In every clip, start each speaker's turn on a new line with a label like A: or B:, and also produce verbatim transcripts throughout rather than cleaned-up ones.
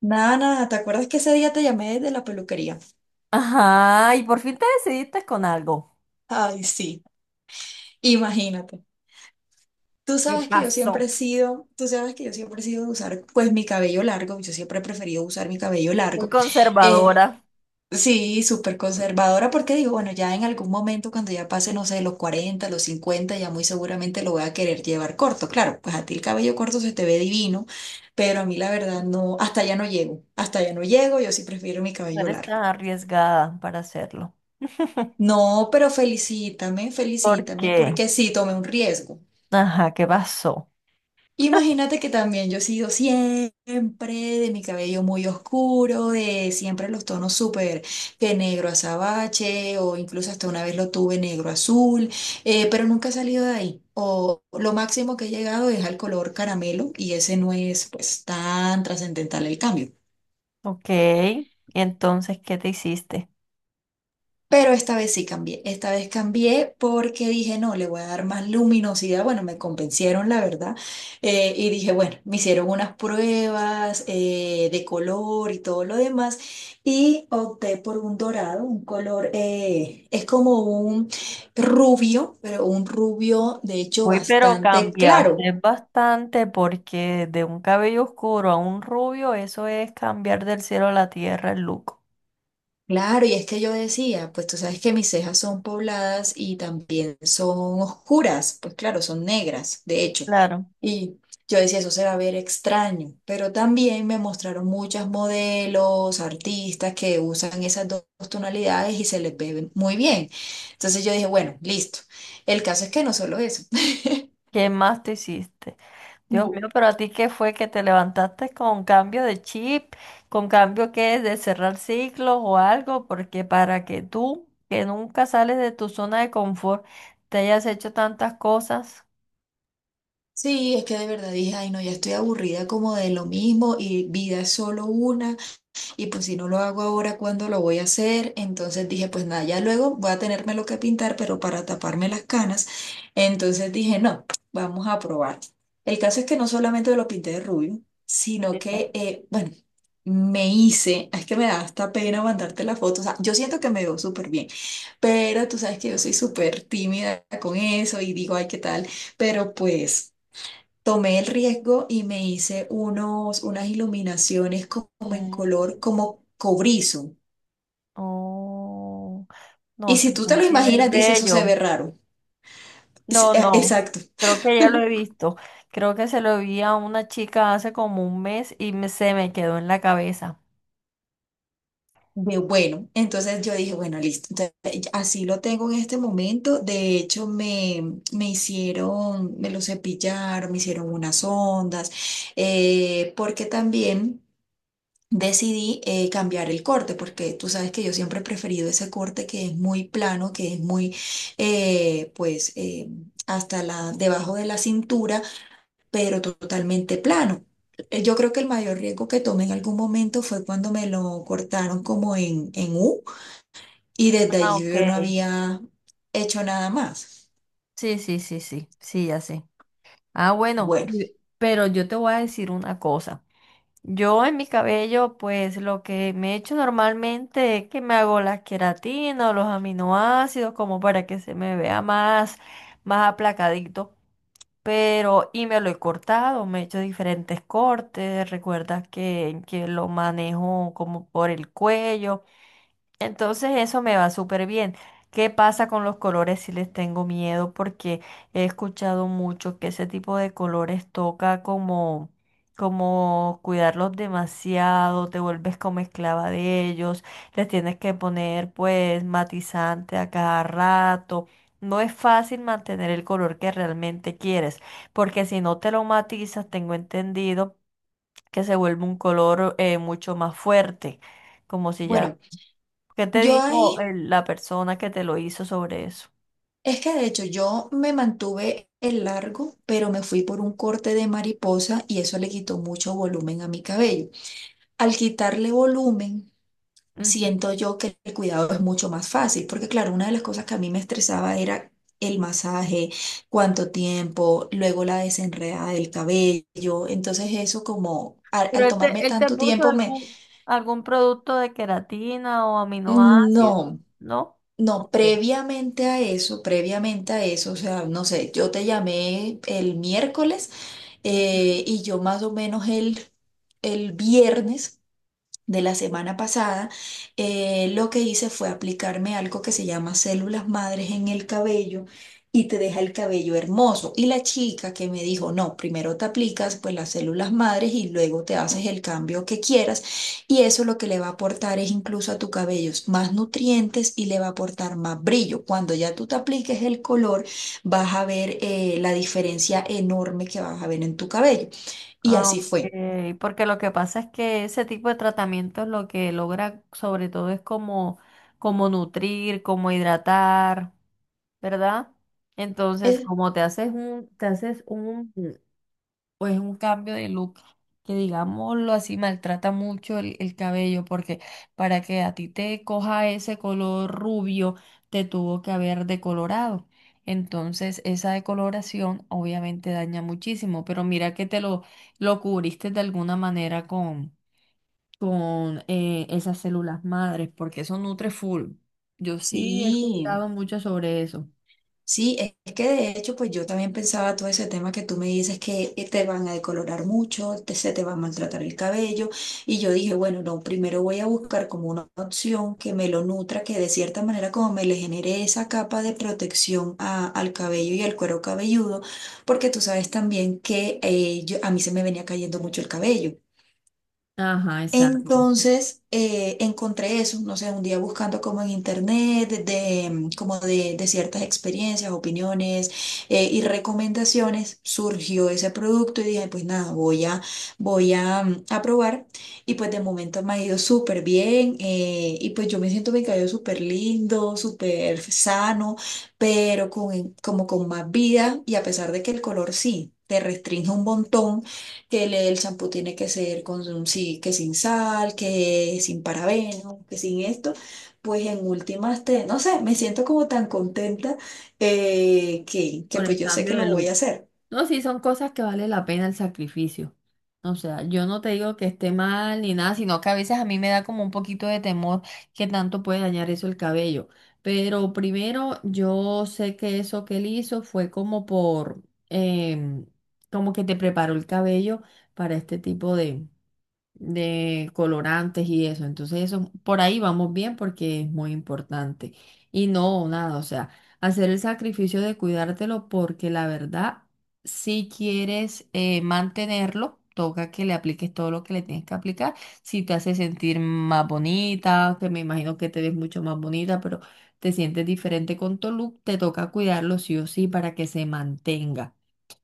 A: Nada, nada, ¿te acuerdas que ese día te llamé de la peluquería?
B: Ajá, y por fin te decidiste con algo.
A: Ay, sí, imagínate. Tú
B: ¿Qué
A: sabes que yo siempre he
B: pasó?
A: sido, tú sabes que yo siempre he sido de usar pues mi cabello largo, yo siempre he preferido usar mi cabello
B: Muy
A: largo. Eh,
B: conservadora.
A: sí, súper conservadora porque digo, bueno, ya en algún momento cuando ya pase, no sé, los cuarenta, los cincuenta, ya muy seguramente lo voy a querer llevar corto. Claro, pues a ti el cabello corto se te ve divino, pero a mí la verdad no, hasta allá no llego, hasta allá no llego, yo sí prefiero mi
B: No
A: cabello
B: eres
A: largo.
B: tan arriesgada para hacerlo.
A: No, pero felicítame,
B: ¿Por
A: felicítame,
B: qué?
A: porque sí tomé un riesgo.
B: Ajá, ¿qué pasó?
A: Imagínate que también yo he sido siempre de mi cabello muy oscuro, de siempre los tonos súper que negro azabache, o incluso hasta una vez lo tuve negro azul, eh, pero nunca he salido de ahí. O lo máximo que he llegado es al color caramelo y ese no es pues tan trascendental el cambio.
B: Ok. ¿Y entonces qué te hiciste?
A: Pero esta vez sí cambié, esta vez cambié porque dije, no, le voy a dar más luminosidad. Bueno, me convencieron, la verdad. Eh, y dije, bueno, me hicieron unas pruebas eh, de color y todo lo demás. Y opté por un dorado, un color, eh, es como un rubio, pero un rubio, de hecho,
B: Uy, pero
A: bastante
B: cambiaste
A: claro.
B: bastante porque de un cabello oscuro a un rubio, eso es cambiar del cielo a la tierra el look.
A: Claro, y es que yo decía, pues tú sabes que mis cejas son pobladas y también son oscuras, pues claro, son negras, de hecho.
B: Claro.
A: Y yo decía, eso se va a ver extraño, pero también me mostraron muchas modelos, artistas que usan esas dos tonalidades y se les ve muy bien. Entonces yo dije, bueno, listo. El caso es que no solo eso.
B: ¿Qué más te hiciste? Dios
A: Bu-
B: mío, pero a ti qué fue que te levantaste con cambio de chip, con cambio que de cerrar ciclos o algo, porque para que tú, que nunca sales de tu zona de confort, te hayas hecho tantas cosas.
A: Sí, es que de verdad dije, ay no, ya estoy aburrida como de lo mismo y vida es solo una y pues si no lo hago ahora, ¿cuándo lo voy a hacer? Entonces dije, pues nada, ya luego voy a tenerme lo que pintar, pero para taparme las canas. Entonces dije, no, vamos a probar. El caso es que no solamente lo pinté de rubio, sino
B: Que No,
A: que, eh, bueno, me hice, es que me da hasta pena mandarte la foto, o sea, yo siento que me veo súper bien, pero tú sabes que yo soy súper tímida con eso y digo, ay, ¿qué tal? Pero pues. Tomé el riesgo y me hice unos, unas iluminaciones como en
B: Mm,
A: color, como cobrizo.
B: oh,
A: Y
B: no, se
A: si tú te
B: tiene
A: lo
B: que ver
A: imaginas, dice eso se ve
B: bello.
A: raro. Es-
B: No,
A: eh,
B: no,
A: Exacto.
B: creo que ya lo he visto. Creo que se lo vi a una chica hace como un mes y me- se me quedó en la cabeza.
A: De bueno. Entonces yo dije, bueno, listo. Entonces, eh, así lo tengo en este momento. De hecho, me, me hicieron, me lo cepillaron, me hicieron unas ondas, eh, porque también. Decidí eh, cambiar el corte, porque tú sabes que yo siempre he preferido ese corte que es muy plano, que es muy, eh, pues, eh, hasta la, debajo de la cintura, pero totalmente plano. Eh, Yo creo que el mayor riesgo que tomé en algún momento fue cuando me lo cortaron como en, en U y desde
B: Ah,
A: allí
B: ok.
A: yo no había hecho nada más.
B: Sí, sí, sí, sí, sí, ya sé. Ah, bueno,
A: Bueno,
B: y- pero yo te voy a decir una cosa. Yo en mi cabello, pues lo que me echo normalmente es que me hago las queratinas, los aminoácidos, como para que se me vea más, más aplacadito. Pero, y me lo he cortado, me he hecho diferentes cortes. Recuerdas que, que lo manejo como por el cuello. Entonces eso me va súper bien. ¿Qué pasa con los colores si les tengo miedo? Porque he escuchado mucho que ese tipo de colores toca como, como cuidarlos demasiado, te vuelves como esclava de ellos, les tienes que poner pues matizante a cada rato. No es fácil mantener el color que realmente quieres, porque si no te lo matizas, tengo entendido que se vuelve un color eh, mucho más fuerte, como si ya...
A: bueno,
B: ¿Qué te
A: yo
B: dijo
A: ahí.
B: el- la persona que te lo hizo sobre eso?
A: Es que de hecho yo me mantuve el largo, pero me fui por un corte de mariposa y eso le quitó mucho volumen a mi cabello. Al quitarle volumen,
B: Ujú.
A: siento yo que el cuidado es mucho más fácil, porque claro, una de las cosas que a mí me estresaba era el masaje, cuánto tiempo, luego la desenredada del cabello. Entonces eso como al,
B: Pero
A: al
B: él
A: tomarme
B: te, él te
A: tanto
B: puso
A: tiempo me.
B: algún, algún producto de queratina o aminoácidos,
A: No.
B: ¿no?
A: No,
B: Ok.
A: previamente a eso, previamente a eso, o sea, no sé, yo te llamé el miércoles. Eh, y yo más o menos el, el viernes de la semana pasada, eh, lo que hice fue aplicarme algo que se llama células madres en el cabello y te deja el cabello hermoso. Y la chica que me dijo, no, primero te aplicas pues las células madres y luego te haces el cambio que quieras. Y eso lo que le va a aportar es incluso a tu cabello más nutrientes y le va a aportar más brillo. Cuando ya tú te apliques el color, vas a ver eh, la diferencia enorme que vas a ver en tu cabello. Y
B: Ah,
A: así
B: ok,
A: fue.
B: porque lo que pasa es que ese tipo de tratamientos lo que logra sobre todo es como, como nutrir, como hidratar, ¿verdad? Entonces,
A: Eh,
B: como te haces un, te haces un, o es un cambio de look que, digámoslo así, maltrata mucho el, el cabello, porque para que a ti te coja ese color rubio, te tuvo que haber decolorado. Entonces, esa decoloración obviamente daña muchísimo, pero mira que te lo, lo cubriste de alguna manera con, con eh, esas células madres, porque eso nutre full. Yo sí he
A: Sí.
B: escuchado mucho sobre eso.
A: Sí, es es que de hecho, pues yo también pensaba todo ese tema que tú me dices que eh, te van a decolorar mucho, te- se te va a maltratar el cabello. Y yo dije, bueno, no, primero voy a buscar como una opción que me lo nutra, que de cierta manera como me le genere esa capa de protección a- al cabello y al cuero cabelludo, porque tú sabes también que eh, yo- a mí se me venía cayendo mucho el cabello.
B: Ajá, exacto.
A: Entonces eh, encontré eso, no sé, un día buscando como en internet, de, de, mm, como de, de ciertas experiencias, opiniones eh, y recomendaciones, surgió ese producto y dije, pues nada, voy a, voy a, mm, a probar y pues de momento me ha ido súper bien eh, y pues yo me siento mi cabello súper lindo, súper sano, pero con, como con más vida y a pesar de que el color sí. Te restringe un montón que le- el champú tiene que ser con un- sí, que sin sal, que sin parabenos, que sin esto, pues en últimas te, no sé, me siento como tan contenta eh, que, que
B: Por
A: pues
B: el
A: yo sé que
B: cambio de
A: lo voy a
B: look.
A: hacer.
B: No, sí, son cosas que vale la pena el sacrificio. O sea, yo no te digo que esté mal ni nada, sino que a veces a mí me da como un poquito de temor que tanto puede dañar eso el cabello. Pero primero, yo sé que eso que él hizo fue como por, em, como que te preparó el cabello para este tipo de, de colorantes y eso. Entonces, eso por ahí vamos bien porque es muy importante. Y no, nada, o sea, hacer el sacrificio de cuidártelo porque la verdad, si quieres eh, mantenerlo, toca que le apliques todo lo que le tienes que aplicar. Si te hace sentir más bonita, que me imagino que te ves mucho más bonita, pero te sientes diferente con tu look, te toca cuidarlo sí o sí para que se mantenga.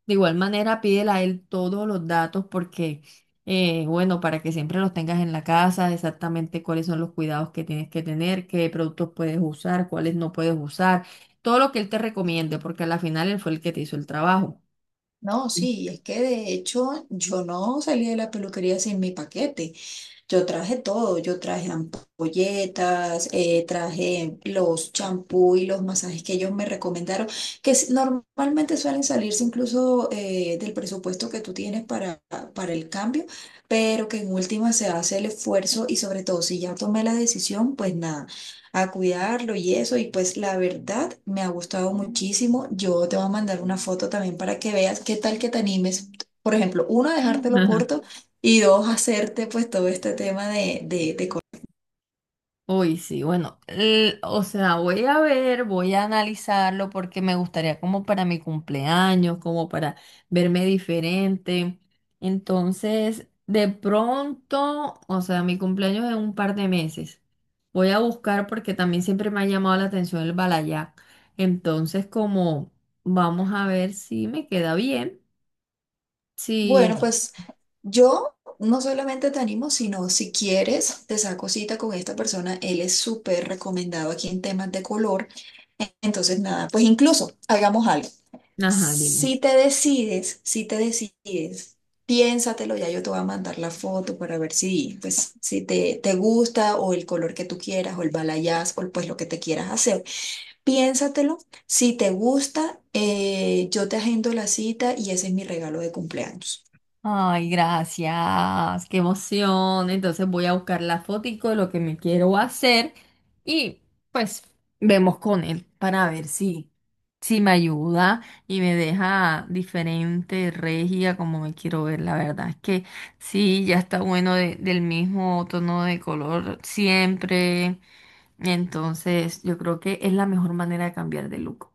B: De igual manera, pídele a él todos los datos porque, eh, bueno, para que siempre los tengas en la casa, exactamente cuáles son los cuidados que tienes que tener, qué productos puedes usar, cuáles no puedes usar, todo lo que él te recomiende, porque a la final él fue el que te hizo el trabajo.
A: No,
B: Sí.
A: sí, es que de hecho yo no salí de la peluquería sin mi paquete. Yo traje todo, yo traje ampolletas, eh, traje los champú y los masajes que ellos me recomendaron, que s- normalmente suelen salirse incluso eh, del presupuesto que tú tienes para, para el cambio, pero que en última se hace el esfuerzo y sobre todo si ya tomé la decisión, pues nada, a cuidarlo y eso, y pues la verdad me ha gustado muchísimo. Yo te voy a mandar una foto también para que veas qué tal que te animes. Por ejemplo, uno, a dejártelo corto y dos, hacerte pues todo este tema de, de, de co-
B: Uy, sí, bueno, l- o sea, voy a ver, voy a analizarlo porque me gustaría como para mi cumpleaños, como para verme diferente. Entonces, de pronto, o sea, mi cumpleaños es en un par de meses. Voy a buscar porque también siempre me ha llamado la atención el balayac. Entonces, como vamos a ver si me queda bien.
A: Bueno,
B: Sí,
A: pues yo no solamente te animo, sino si quieres, te saco cita con esta persona. Él es súper recomendado aquí en temas de color. Entonces, nada, pues incluso hagamos algo.
B: ajá, dime.
A: Si te decides, si te decides, piénsatelo, ya yo te voy a mandar la foto para ver si, pues, si te, te gusta o el color que tú quieras o el balayage o pues lo que te quieras hacer. Piénsatelo, si te gusta, eh, yo te agendo la cita y ese es mi regalo de cumpleaños.
B: Ay, gracias, qué emoción. Entonces voy a buscar la fotico de lo que me quiero hacer y pues vemos con él para ver si, si me ayuda y me deja diferente, regia, como me quiero ver. La verdad es que sí, ya está bueno de- del mismo tono de color siempre. Entonces yo creo que es la mejor manera de cambiar de look.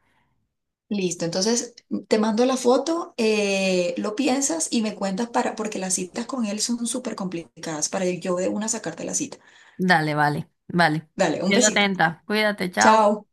A: Listo, entonces te mando la foto, eh, lo piensas y me cuentas para, porque las citas con él son súper complicadas para yo de una sacarte la cita.
B: Dale, vale, vale.
A: Dale, un
B: Quedo
A: besito.
B: atenta, cuídate, chao.
A: Chao.